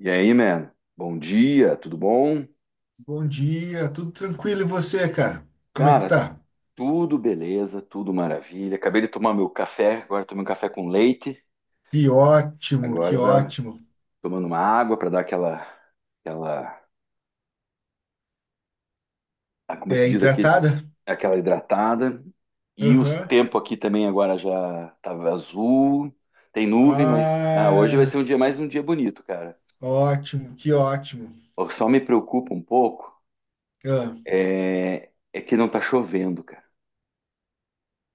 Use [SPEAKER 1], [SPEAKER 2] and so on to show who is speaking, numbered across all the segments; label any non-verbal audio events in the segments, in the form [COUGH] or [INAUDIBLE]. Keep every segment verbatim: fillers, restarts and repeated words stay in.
[SPEAKER 1] E aí, man? Bom dia, tudo bom?
[SPEAKER 2] Bom dia, tudo tranquilo e você, cara? Como é que
[SPEAKER 1] Cara,
[SPEAKER 2] tá?
[SPEAKER 1] tudo beleza, tudo maravilha. Acabei de tomar meu café, agora tomei um café com leite.
[SPEAKER 2] Que ótimo, que
[SPEAKER 1] Agora dá-
[SPEAKER 2] ótimo.
[SPEAKER 1] Tomando uma água para dar aquela, aquela, ah, como
[SPEAKER 2] É
[SPEAKER 1] se diz aqui,
[SPEAKER 2] hidratada?
[SPEAKER 1] aquela hidratada. E o
[SPEAKER 2] Aham.
[SPEAKER 1] tempo aqui também agora já tava azul, tem nuvem, mas ah, hoje vai ser um
[SPEAKER 2] Ah,
[SPEAKER 1] dia mais um dia bonito, cara.
[SPEAKER 2] ótimo, que ótimo.
[SPEAKER 1] Eu só me preocupa um pouco
[SPEAKER 2] Ah,
[SPEAKER 1] é, é que não tá chovendo, cara.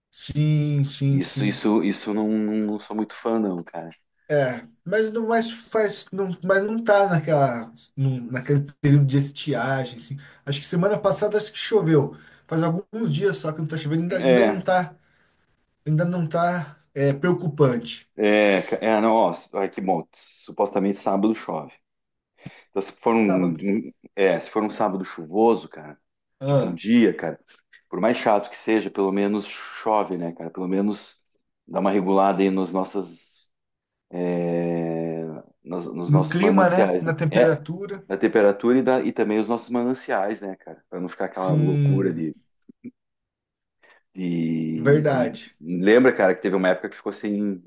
[SPEAKER 2] sim, sim,
[SPEAKER 1] Isso,
[SPEAKER 2] sim.
[SPEAKER 1] isso, isso eu não, não sou muito fã, não, cara.
[SPEAKER 2] É, mas não mais faz, não, mas não tá naquela, num- naquele período de estiagem, assim. Acho que semana passada acho que choveu. Faz alguns dias só que não tá chovendo, ainda, ainda não
[SPEAKER 1] É,
[SPEAKER 2] tá, ainda não tá, é, preocupante.
[SPEAKER 1] é, ca- é, não, ó, ai, que bom, supostamente sábado chove. Então, se for
[SPEAKER 2] Tava,
[SPEAKER 1] um, um- é, se for um sábado chuvoso, cara, tipo um dia, cara, por mais chato que seja, pelo menos chove, né, cara? Pelo menos dá uma regulada aí nos nossas, é, nos, nos
[SPEAKER 2] No
[SPEAKER 1] nossos
[SPEAKER 2] clima, né?
[SPEAKER 1] mananciais, né?
[SPEAKER 2] Na
[SPEAKER 1] É,
[SPEAKER 2] temperatura.
[SPEAKER 1] da temperatura e, da, e também os nossos mananciais, né, cara? Pra não ficar aquela loucura
[SPEAKER 2] Sim,
[SPEAKER 1] de, de, de-
[SPEAKER 2] verdade.
[SPEAKER 1] lembra, cara, que teve uma época que ficou sem,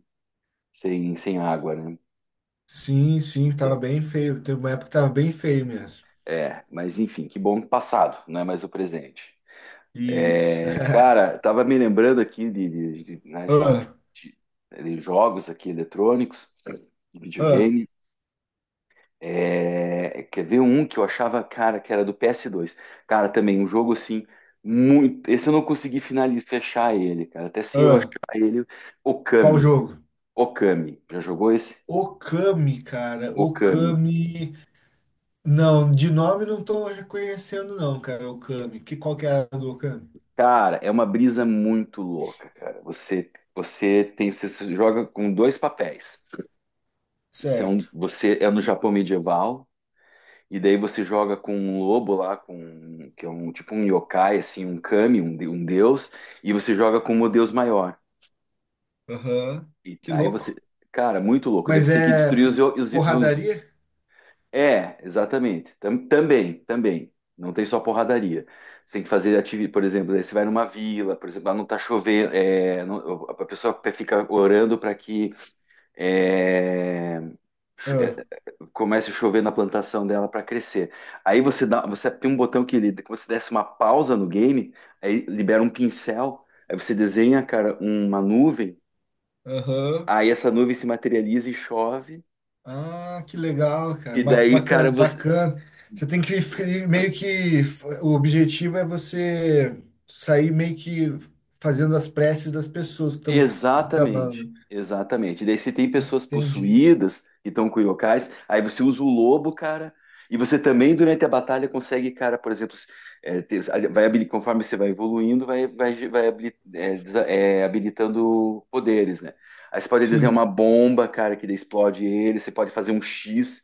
[SPEAKER 1] sem, sem água, né?
[SPEAKER 2] Sim, sim, tava bem feio. Teve uma época que tava bem feio mesmo.
[SPEAKER 1] É, mas enfim, que bom que passado, não é mais o presente.
[SPEAKER 2] Isso.
[SPEAKER 1] É,
[SPEAKER 2] [LAUGHS]
[SPEAKER 1] cara, tava me lembrando aqui de, de- de- né, a gente tava
[SPEAKER 2] Ah,
[SPEAKER 1] de, de jogos aqui eletrônicos, de
[SPEAKER 2] ah,
[SPEAKER 1] videogame. É, quer ver um que eu achava, cara, que era do P S dois. Cara, também um jogo assim, muito. Esse eu não consegui finalizar, fechar ele, cara. Até se eu achar
[SPEAKER 2] ah.
[SPEAKER 1] ele,
[SPEAKER 2] Qual
[SPEAKER 1] Okami.
[SPEAKER 2] jogo?
[SPEAKER 1] Okami. Já jogou esse?
[SPEAKER 2] Okami, cara.
[SPEAKER 1] Okami.
[SPEAKER 2] Okami. Não, de nome não tô reconhecendo, não, cara. Okami. Que, qual que era a do Okami?
[SPEAKER 1] Cara, é uma brisa muito louca, cara. Você, você tem, você se joga com dois papéis. Você é, um,
[SPEAKER 2] Certo.
[SPEAKER 1] você é no Japão medieval e daí você joga com um lobo lá, com um, que é um tipo um yokai, assim, um kami, um, de- um deus, e você joga com um deus maior.
[SPEAKER 2] Aham.
[SPEAKER 1] E
[SPEAKER 2] Que
[SPEAKER 1] aí você,
[SPEAKER 2] louco.
[SPEAKER 1] cara, muito louco. Daí
[SPEAKER 2] Mas
[SPEAKER 1] você tem que
[SPEAKER 2] é
[SPEAKER 1] destruir
[SPEAKER 2] p-
[SPEAKER 1] os, yo- os,
[SPEAKER 2] porradaria?
[SPEAKER 1] é, exatamente. Tam- também, também. Não tem só porradaria. Você tem que fazer atividade, por exemplo, daí você vai numa vila, por exemplo, lá não tá chovendo, é, não- a pessoa pe- fica orando para que é, cho- é,
[SPEAKER 2] Ah,
[SPEAKER 1] comece a chover na plantação dela para crescer. Aí você dá, você aperta um botão que ele, que você desse uma pausa no game, aí libera um pincel, aí você desenha, cara, uma nuvem,
[SPEAKER 2] aham.
[SPEAKER 1] aí essa nuvem se materializa e chove.
[SPEAKER 2] Ah, que legal, cara.
[SPEAKER 1] E
[SPEAKER 2] Ba-
[SPEAKER 1] daí, cara,
[SPEAKER 2] Bacana,
[SPEAKER 1] você,
[SPEAKER 2] bacana. Você tem que fi- meio que o objetivo é você sair meio que fazendo as preces das pessoas que estão
[SPEAKER 1] exatamente,
[SPEAKER 2] proclamando.
[SPEAKER 1] exatamente. Daí você tem pessoas
[SPEAKER 2] Entendi.
[SPEAKER 1] possuídas que estão com yokais, aí você usa o lobo, cara, e você também durante a batalha consegue, cara, por exemplo, s- é, ter- vai, habili- conforme você vai evoluindo, vai, vai, vai habili- é, desa- é, habilitando poderes, né? Aí você pode desenhar uma
[SPEAKER 2] Sim,
[SPEAKER 1] bomba, cara, que daí explode ele, você pode fazer um X,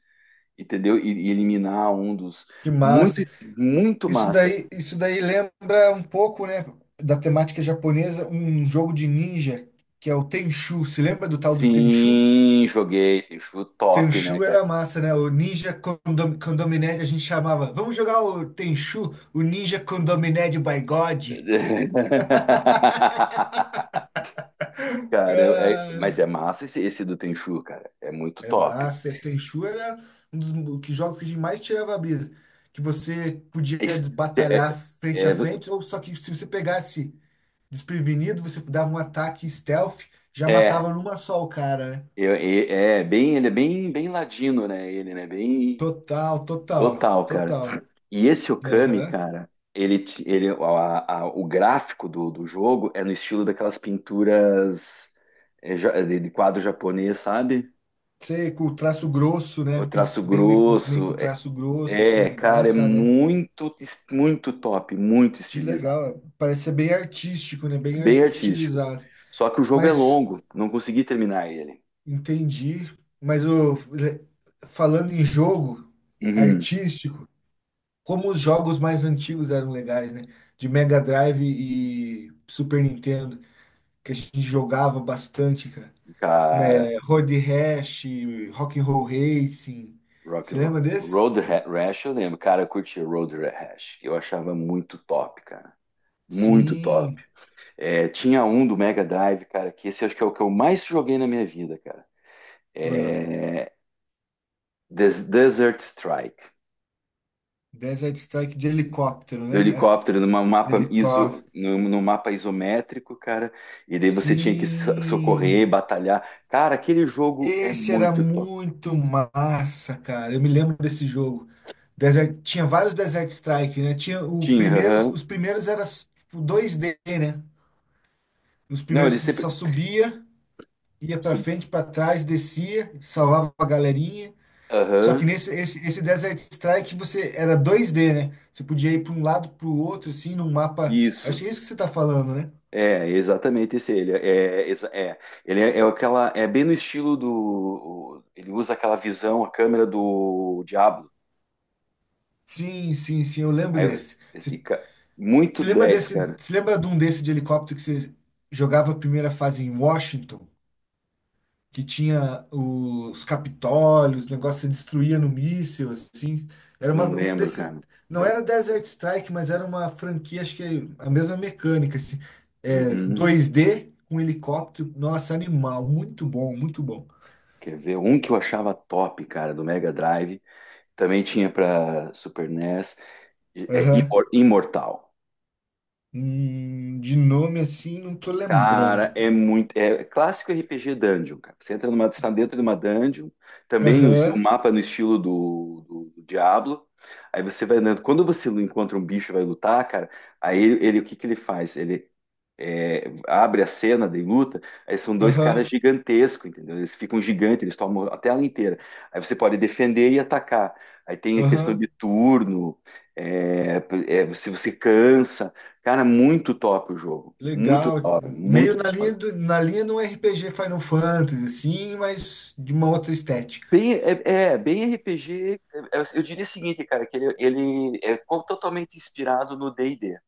[SPEAKER 1] entendeu? E, e eliminar um dos.
[SPEAKER 2] que
[SPEAKER 1] Muito,
[SPEAKER 2] massa.
[SPEAKER 1] muito
[SPEAKER 2] Isso
[SPEAKER 1] massa.
[SPEAKER 2] daí, isso daí lembra um pouco, né, da temática japonesa, um jogo de ninja que é o Tenchu. Se lembra do tal do Tenchu?
[SPEAKER 1] Sim, joguei, acho top, né.
[SPEAKER 2] Tenchu era massa, né? O Ninja Condom Condominé a gente chamava. Vamos jogar o Tenchu, o Ninja Condominé de By God.
[SPEAKER 1] [LAUGHS] Cara, eu- é-
[SPEAKER 2] Ah,
[SPEAKER 1] mas é massa esse, esse do Tenchu, cara. É muito
[SPEAKER 2] é
[SPEAKER 1] top.
[SPEAKER 2] massa. Tenchu era um dos mo- que jogos que a gente mais tirava a brisa. Que você podia
[SPEAKER 1] Esse- É,
[SPEAKER 2] batalhar frente a
[SPEAKER 1] é,
[SPEAKER 2] frente, ou só que se você pegasse desprevenido, você dava um ataque stealth, já
[SPEAKER 1] é, é,
[SPEAKER 2] matava numa só o cara, né?
[SPEAKER 1] eu- é- É bem, ele é bem, bem ladino, né? Ele, né? Bem
[SPEAKER 2] Total, total,
[SPEAKER 1] total, cara.
[SPEAKER 2] total.
[SPEAKER 1] E esse Okami,
[SPEAKER 2] Aham.
[SPEAKER 1] cara, ele, te- ele, a- a- o gráfico do, do jogo é no estilo daquelas pinturas é, ja- de de quadro japonês, sabe?
[SPEAKER 2] Sei, com traço grosso, né?
[SPEAKER 1] O
[SPEAKER 2] Pis-
[SPEAKER 1] traço
[SPEAKER 2] Bem meio, com- meio
[SPEAKER 1] grosso.
[SPEAKER 2] com
[SPEAKER 1] É,
[SPEAKER 2] traço grosso, assim,
[SPEAKER 1] é, cara, é
[SPEAKER 2] massa, né?
[SPEAKER 1] muito, muito top, muito
[SPEAKER 2] Que
[SPEAKER 1] estilizado.
[SPEAKER 2] legal. É. Parece ser bem artístico, né? Bem
[SPEAKER 1] Bem
[SPEAKER 2] art-
[SPEAKER 1] artístico.
[SPEAKER 2] estilizado.
[SPEAKER 1] Só que o jogo é
[SPEAKER 2] Mas
[SPEAKER 1] longo, não consegui terminar ele.
[SPEAKER 2] entendi. Mas o, falando em jogo
[SPEAKER 1] Uhum.
[SPEAKER 2] artístico, como os jogos mais antigos eram legais, né? De Mega Drive e Super Nintendo, que a gente jogava bastante, cara.
[SPEAKER 1] Cara,
[SPEAKER 2] É, Road Rash, Rock and Roll Racing.
[SPEAKER 1] Rock
[SPEAKER 2] Você
[SPEAKER 1] and Roll.
[SPEAKER 2] lembra desse?
[SPEAKER 1] Road Ra- Rash, eu lembro, cara, eu curtia Road Ra- Rash, eu achava muito top, cara, muito top.
[SPEAKER 2] Sim.
[SPEAKER 1] É, tinha um do Mega Drive, cara, que esse acho que é o que eu mais joguei na minha vida, cara. É, Des- Desert Strike,
[SPEAKER 2] Desert Strike de helicóptero,
[SPEAKER 1] do
[SPEAKER 2] né? As-
[SPEAKER 1] helicóptero numa
[SPEAKER 2] De
[SPEAKER 1] mapa
[SPEAKER 2] helicóptero.
[SPEAKER 1] iso, num, num mapa isométrico, cara, e daí você tinha que so- socorrer,
[SPEAKER 2] Sim!
[SPEAKER 1] batalhar. Cara, aquele jogo é
[SPEAKER 2] Esse era
[SPEAKER 1] muito.
[SPEAKER 2] muito massa, cara. Eu me lembro desse jogo. Desert- Tinha vários Desert Strike, né? Tinha o
[SPEAKER 1] Tinha,
[SPEAKER 2] primeiros,
[SPEAKER 1] aham.
[SPEAKER 2] os primeiros eram tipo, dois D, né? Os
[SPEAKER 1] Não,
[SPEAKER 2] primeiros
[SPEAKER 1] ele
[SPEAKER 2] você
[SPEAKER 1] sempre.
[SPEAKER 2] só subia, ia pra
[SPEAKER 1] sub-
[SPEAKER 2] frente, pra trás, descia, salvava a galerinha. Só que
[SPEAKER 1] Aham.
[SPEAKER 2] nesse esse, esse Desert Strike você era dois D, né? Você podia ir pra um lado, pro outro, assim, num mapa. Acho
[SPEAKER 1] Isso.
[SPEAKER 2] que é isso que você tá falando, né?
[SPEAKER 1] É, exatamente esse. Ele é, exa- é, ele é, é aquela. É bem no estilo do. Ele usa aquela visão, a câmera do Diablo.
[SPEAKER 2] Sim, sim, sim, eu lembro
[SPEAKER 1] Aí você-
[SPEAKER 2] desse.
[SPEAKER 1] e
[SPEAKER 2] Você
[SPEAKER 1] ca- Muito
[SPEAKER 2] você lembra
[SPEAKER 1] dez,
[SPEAKER 2] desse,
[SPEAKER 1] cara.
[SPEAKER 2] você lembra de um desse de helicóptero que você jogava a primeira fase em Washington, que tinha os Capitólios, o negócio se destruía no míssil, assim? Era uma,
[SPEAKER 1] Não
[SPEAKER 2] um
[SPEAKER 1] lembro,
[SPEAKER 2] desses,
[SPEAKER 1] cara.
[SPEAKER 2] não era Desert Strike, mas era uma franquia, acho que é a mesma mecânica, assim, é,
[SPEAKER 1] Uhum.
[SPEAKER 2] dois D com helicóptero, nossa, animal, muito bom, muito bom.
[SPEAKER 1] Quer ver? Um que eu achava top, cara, do Mega Drive. Também tinha pra Super NES. É,
[SPEAKER 2] Aham.
[SPEAKER 1] Imor- Imortal.
[SPEAKER 2] Hum, de nome assim, não tô
[SPEAKER 1] Cara,
[SPEAKER 2] lembrando,
[SPEAKER 1] é
[SPEAKER 2] cara.
[SPEAKER 1] muito. É clássico R P G Dungeon, cara. Você entra numa, está dentro de uma dungeon, também o, o
[SPEAKER 2] Aham,
[SPEAKER 1] mapa é no estilo do, do, do Diablo. Aí você vai andando. Quando você encontra um bicho e vai lutar, cara, aí ele, ele- o que que ele faz? Ele, é, abre a cena de luta, aí são dois caras
[SPEAKER 2] aham,
[SPEAKER 1] gigantescos, entendeu? Eles ficam gigantes, eles tomam a tela inteira. Aí você pode defender e atacar. Aí tem a questão de
[SPEAKER 2] aham.
[SPEAKER 1] turno, é, é, se você cansa. Cara, muito top o jogo. Muito
[SPEAKER 2] Legal,
[SPEAKER 1] top,
[SPEAKER 2] meio
[SPEAKER 1] muito.
[SPEAKER 2] na linha do, na linha de um R P G Final Fantasy, sim, mas de uma outra estética.
[SPEAKER 1] Bem, é, é, bem R P G. é, Eu diria o seguinte, cara, que ele, ele é co- totalmente inspirado no D e D,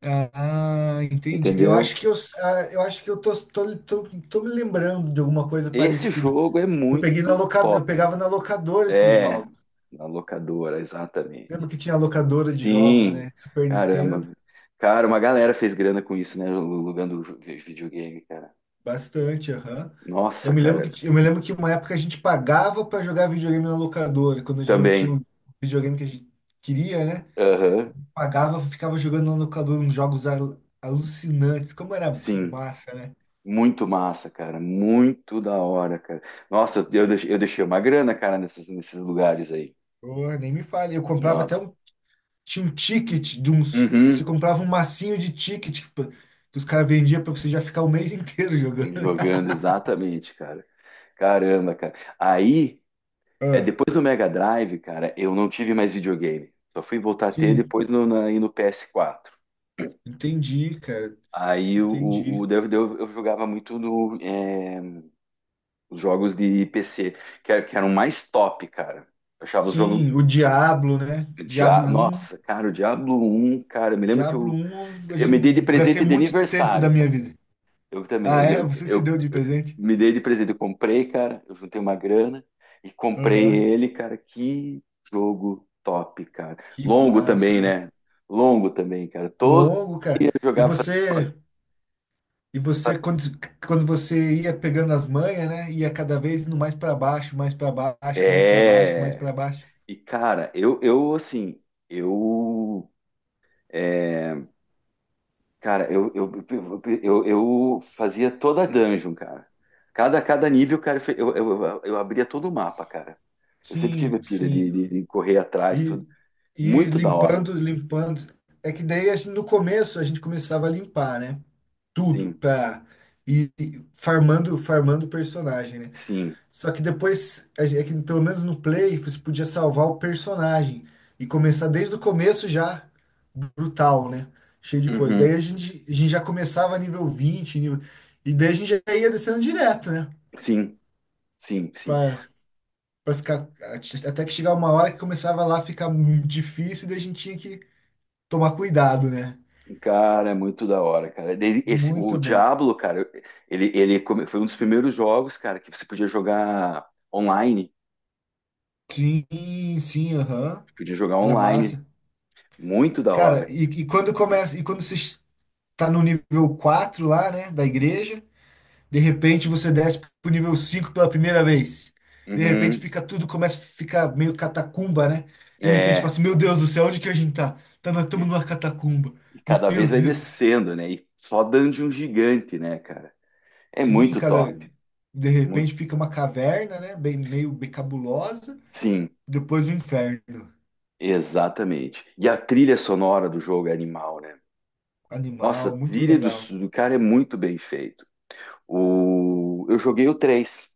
[SPEAKER 2] Ah, entendi. Eu acho
[SPEAKER 1] entendeu?
[SPEAKER 2] que eu, ah, eu acho que eu tô, tô, tô, tô me lembrando de alguma coisa
[SPEAKER 1] Esse
[SPEAKER 2] parecida.
[SPEAKER 1] jogo é
[SPEAKER 2] Eu peguei na
[SPEAKER 1] muito.
[SPEAKER 2] locadora, eu pegava na locadora esses
[SPEAKER 1] É,
[SPEAKER 2] jogos.
[SPEAKER 1] na locadora, exatamente.
[SPEAKER 2] Lembro que tinha locadora de jogos,
[SPEAKER 1] Sim,
[SPEAKER 2] né? Super Nintendo,
[SPEAKER 1] caramba. Cara, uma galera fez grana com isso, né? Alugando jo- videogame, cara.
[SPEAKER 2] bastante, aham. Eu
[SPEAKER 1] Nossa,
[SPEAKER 2] me lembro que,
[SPEAKER 1] cara.
[SPEAKER 2] ti- eu me lembro que uma época a gente pagava para jogar videogame na locadora, quando a gente não tinha
[SPEAKER 1] Também.
[SPEAKER 2] o videogame que a gente queria, né?
[SPEAKER 1] Aham.
[SPEAKER 2] Pagava, ficava jogando lá no calor uns jogos al- alucinantes. Como era
[SPEAKER 1] Sim.
[SPEAKER 2] massa, né?
[SPEAKER 1] Muito massa, cara. Muito da hora, cara. Nossa, eu deixei, eu deixei uma grana, cara, nesses, nesses lugares aí.
[SPEAKER 2] Porra, nem me fale. Eu comprava até
[SPEAKER 1] Nossa.
[SPEAKER 2] um. Tinha um ticket de uns. Você
[SPEAKER 1] Uhum.
[SPEAKER 2] comprava um massinho de ticket que, que os caras vendiam pra você já ficar o mês [LAUGHS] inteiro jogando.
[SPEAKER 1] Jogando, exatamente, cara. Caramba, cara. Aí, é,
[SPEAKER 2] Ah,
[SPEAKER 1] depois do Mega Drive, cara, eu não tive mais videogame. Só fui voltar a ter
[SPEAKER 2] sim,
[SPEAKER 1] depois no, na, aí no P S quatro.
[SPEAKER 2] entendi, cara.
[SPEAKER 1] Aí o, o, o-
[SPEAKER 2] Entendi.
[SPEAKER 1] eu, eu- Eu jogava muito no, é, os jogos de P C, que, era- que eram mais top, cara. Eu achava os jogos.
[SPEAKER 2] Sim, o Diablo, né?
[SPEAKER 1] Dia...
[SPEAKER 2] Diablo um,
[SPEAKER 1] Nossa, cara, o Diablo um, cara, eu me lembro que
[SPEAKER 2] Diablo
[SPEAKER 1] eu,
[SPEAKER 2] um, a
[SPEAKER 1] eu me dei de
[SPEAKER 2] gente, gastei
[SPEAKER 1] presente de
[SPEAKER 2] muito tempo da
[SPEAKER 1] aniversário,
[SPEAKER 2] minha
[SPEAKER 1] cara.
[SPEAKER 2] vida.
[SPEAKER 1] Eu também,
[SPEAKER 2] Ah,
[SPEAKER 1] eu,
[SPEAKER 2] é?
[SPEAKER 1] eu,
[SPEAKER 2] Você se
[SPEAKER 1] eu-
[SPEAKER 2] deu de
[SPEAKER 1] eu
[SPEAKER 2] presente?
[SPEAKER 1] me dei de presente, eu comprei, cara, eu juntei uma grana e comprei
[SPEAKER 2] Aham.
[SPEAKER 1] ele, cara. Que jogo top, cara.
[SPEAKER 2] Que
[SPEAKER 1] Longo
[SPEAKER 2] massa,
[SPEAKER 1] também,
[SPEAKER 2] né?
[SPEAKER 1] né? Longo também, cara. Todo
[SPEAKER 2] Longo,
[SPEAKER 1] dia
[SPEAKER 2] cara.
[SPEAKER 1] eu
[SPEAKER 2] E
[SPEAKER 1] jogava. fazia-
[SPEAKER 2] você E você, quando, quando você ia pegando as manhas, né? Ia cada vez indo mais para baixo, mais para baixo, mais para baixo, mais
[SPEAKER 1] É.
[SPEAKER 2] para baixo.
[SPEAKER 1] E, cara, eu, eu assim, eu. é, cara, eu, eu, eu, eu, eu fazia toda a dungeon, cara. Cada, cada nível, cara, eu, eu, eu, eu abria todo o mapa, cara. Eu sempre tive a
[SPEAKER 2] Sim,
[SPEAKER 1] pira de,
[SPEAKER 2] sim.
[SPEAKER 1] de, de correr atrás, tudo.
[SPEAKER 2] E, e
[SPEAKER 1] Muito da hora.
[SPEAKER 2] limpando, limpando. É que daí, assim, no começo, a gente começava a limpar, né? Tudo,
[SPEAKER 1] Sim,
[SPEAKER 2] para ir ir farmando, farmando o personagem, né?
[SPEAKER 1] sim.
[SPEAKER 2] Só que depois, é é que pelo menos no Play, você podia salvar o personagem e começar desde o começo já brutal, né? Cheio de coisa.
[SPEAKER 1] Uhum.
[SPEAKER 2] Daí a gente, a gente já começava nível vinte nível. E daí a gente já ia descendo direto, né?
[SPEAKER 1] Sim, sim, sim.
[SPEAKER 2] Pra, pra ficar. Até que chegar uma hora que começava lá a ficar muito difícil, e daí a gente tinha que tomar cuidado, né?
[SPEAKER 1] Cara, é muito da hora, cara. Daí Esse, o
[SPEAKER 2] Muito bom.
[SPEAKER 1] Diablo, cara, ele, ele come- foi um dos primeiros jogos, cara, que você podia jogar online.
[SPEAKER 2] Sim, sim, aham.
[SPEAKER 1] Podia jogar
[SPEAKER 2] Era
[SPEAKER 1] online.
[SPEAKER 2] massa.
[SPEAKER 1] Muito da
[SPEAKER 2] Cara,
[SPEAKER 1] hora.
[SPEAKER 2] e, e quando começa, e quando você está no nível quatro lá, né, da igreja, de repente você desce pro nível cinco pela primeira vez. De repente
[SPEAKER 1] Uhum,
[SPEAKER 2] fica tudo, começa a ficar meio catacumba, né? De repente fala
[SPEAKER 1] é,
[SPEAKER 2] assim, meu Deus do céu, onde que a gente tá? Tá na, tamo
[SPEAKER 1] e,
[SPEAKER 2] numa catacumba.
[SPEAKER 1] e cada
[SPEAKER 2] Meu
[SPEAKER 1] vez vai
[SPEAKER 2] Deus do céu.
[SPEAKER 1] descendo, né? E só dungeon gigante, né, cara? É
[SPEAKER 2] Sim,
[SPEAKER 1] muito
[SPEAKER 2] cada
[SPEAKER 1] top.
[SPEAKER 2] de
[SPEAKER 1] Mu-
[SPEAKER 2] repente fica uma caverna, né? Bem, meio bem cabulosa.
[SPEAKER 1] Sim,
[SPEAKER 2] Depois o inferno.
[SPEAKER 1] exatamente. E a trilha sonora do jogo é animal, né? Nossa, a
[SPEAKER 2] Animal, muito
[SPEAKER 1] trilha do,
[SPEAKER 2] legal.
[SPEAKER 1] do cara é muito bem feito. O, eu joguei o três.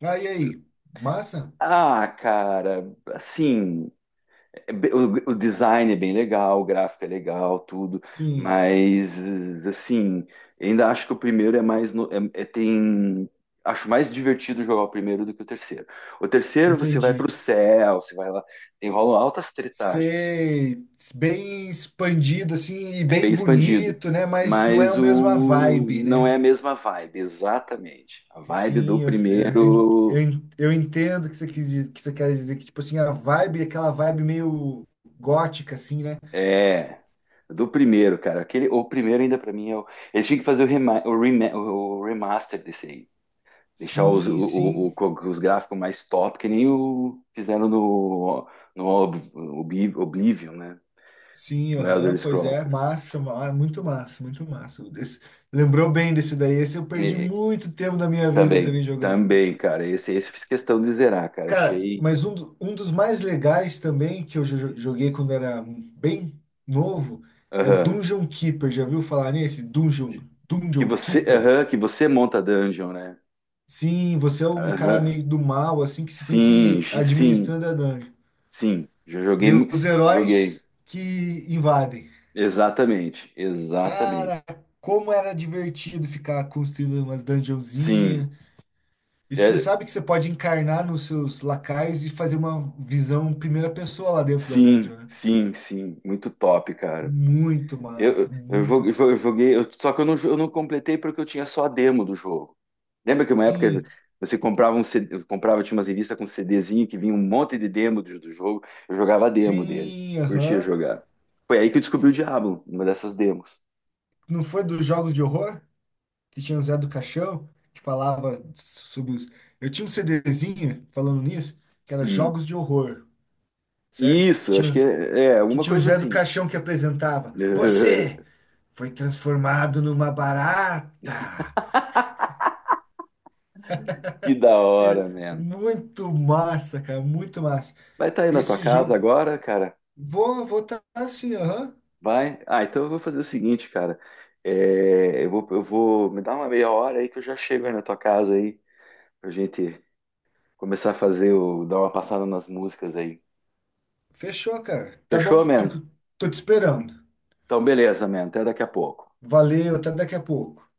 [SPEAKER 2] Ah, e aí? Massa?
[SPEAKER 1] Ah, cara, assim. É be- O, o design é bem legal, o gráfico é legal, tudo,
[SPEAKER 2] Sim,
[SPEAKER 1] mas assim, ainda acho que o primeiro é mais no- é, é- tem acho mais divertido jogar o primeiro do que o terceiro. O terceiro você vai para o
[SPEAKER 2] entendi.
[SPEAKER 1] céu, você vai lá, tem rolam altas tretagens, assim,
[SPEAKER 2] Ser bem expandido, assim, e
[SPEAKER 1] é bem
[SPEAKER 2] bem
[SPEAKER 1] expandido,
[SPEAKER 2] bonito, né? Mas não é
[SPEAKER 1] mas
[SPEAKER 2] a mesma
[SPEAKER 1] o
[SPEAKER 2] vibe,
[SPEAKER 1] não é
[SPEAKER 2] né?
[SPEAKER 1] a mesma vibe, exatamente. A vibe
[SPEAKER 2] Sim,
[SPEAKER 1] do
[SPEAKER 2] eu, eu,
[SPEAKER 1] primeiro.
[SPEAKER 2] eu eu entendo que você quis, dizer- que você quer dizer que, tipo assim, a vibe, aquela vibe meio gótica, assim, né?
[SPEAKER 1] É, do primeiro, cara. Aquele, o primeiro ainda pra mim é o. Eles tinham que fazer o, rema, o, rema- o remaster desse aí. Deixar os, o,
[SPEAKER 2] Sim,
[SPEAKER 1] o-
[SPEAKER 2] sim,
[SPEAKER 1] o- com os gráficos mais top, que nem o fizeram no, no Ob- Ob- Oblivion, né?
[SPEAKER 2] sim,
[SPEAKER 1] No Elder
[SPEAKER 2] aham, pois
[SPEAKER 1] Scrolls,
[SPEAKER 2] é,
[SPEAKER 1] cara.
[SPEAKER 2] massa, ma- muito massa, muito massa. Esse- lembrou bem desse daí, esse eu perdi
[SPEAKER 1] E-
[SPEAKER 2] muito tempo da minha vida
[SPEAKER 1] Também,
[SPEAKER 2] também jogando.
[SPEAKER 1] também, cara. Esse, esse eu fiz questão de zerar, cara.
[SPEAKER 2] Cara,
[SPEAKER 1] Achei.
[SPEAKER 2] mas um, do- um dos mais legais também, que eu jo- joguei quando era bem novo, é
[SPEAKER 1] Aham.
[SPEAKER 2] Dungeon Keeper, já viu falar nesse? Dungeon,
[SPEAKER 1] Que
[SPEAKER 2] Dungeon
[SPEAKER 1] você,
[SPEAKER 2] Keeper?
[SPEAKER 1] aham, que você monta dungeon, né?
[SPEAKER 2] Sim, você é um cara
[SPEAKER 1] Aham.
[SPEAKER 2] meio do mal, assim, que você tem que
[SPEAKER 1] Sim,
[SPEAKER 2] ir
[SPEAKER 1] gi- sim,
[SPEAKER 2] administrando a dungeon.
[SPEAKER 1] sim. Já joguei,
[SPEAKER 2] Deu
[SPEAKER 1] mu-
[SPEAKER 2] os heróis
[SPEAKER 1] joguei.
[SPEAKER 2] que invadem.
[SPEAKER 1] Exatamente, exatamente.
[SPEAKER 2] Cara, como era divertido ficar construindo umas
[SPEAKER 1] Sim,
[SPEAKER 2] dungeonzinhas. E você
[SPEAKER 1] é,
[SPEAKER 2] sabe que você pode encarnar nos seus lacaios e fazer uma visão primeira pessoa lá dentro da
[SPEAKER 1] sim,
[SPEAKER 2] dungeon, né?
[SPEAKER 1] sim, sim, muito top, cara.
[SPEAKER 2] Muito massa,
[SPEAKER 1] Eu, eu,
[SPEAKER 2] muito
[SPEAKER 1] jo- jo- eu
[SPEAKER 2] massa.
[SPEAKER 1] joguei, eu- só que eu não, jo- eu não completei porque eu tinha só a demo do jogo. Lembra que uma época
[SPEAKER 2] Sim,
[SPEAKER 1] você comprava um C D, comprava, tinha umas revistas com CDzinho que vinha um monte de demo do, do jogo, eu jogava a demo dele,
[SPEAKER 2] sim,
[SPEAKER 1] curtia
[SPEAKER 2] aham.
[SPEAKER 1] jogar. Foi aí que eu descobri o
[SPEAKER 2] Cês-
[SPEAKER 1] Diablo, uma dessas demos.
[SPEAKER 2] Não foi dos jogos de horror? Que tinha o Zé do Caixão, que falava sobre os. Eu tinha um CDzinho falando nisso, que era
[SPEAKER 1] Hum.
[SPEAKER 2] Jogos de Horror, certo? Que
[SPEAKER 1] Isso, acho que
[SPEAKER 2] tinha,
[SPEAKER 1] é, é
[SPEAKER 2] que
[SPEAKER 1] alguma
[SPEAKER 2] tinha o
[SPEAKER 1] coisa
[SPEAKER 2] Zé do
[SPEAKER 1] assim.
[SPEAKER 2] Caixão que apresentava.
[SPEAKER 1] [LAUGHS]
[SPEAKER 2] Você foi transformado numa barata.
[SPEAKER 1] Que
[SPEAKER 2] [LAUGHS]
[SPEAKER 1] da
[SPEAKER 2] E
[SPEAKER 1] hora, mano.
[SPEAKER 2] Muito massa, cara, muito massa.
[SPEAKER 1] Vai estar aí na tua
[SPEAKER 2] Esse
[SPEAKER 1] casa
[SPEAKER 2] jogo.
[SPEAKER 1] agora, cara?
[SPEAKER 2] Vou votar assim, aham.
[SPEAKER 1] Vai? Ah, então eu vou fazer o seguinte, cara. É, eu vou, eu vou me dar uma meia hora aí que eu já chego aí na tua casa aí, pra gente começar a fazer o, dar uma passada nas músicas aí.
[SPEAKER 2] Fechou, cara. Tá
[SPEAKER 1] Fechou,
[SPEAKER 2] bom,
[SPEAKER 1] man?
[SPEAKER 2] fico. Tô te esperando.
[SPEAKER 1] Então beleza, man. Até daqui a pouco.
[SPEAKER 2] Valeu, até daqui a pouco.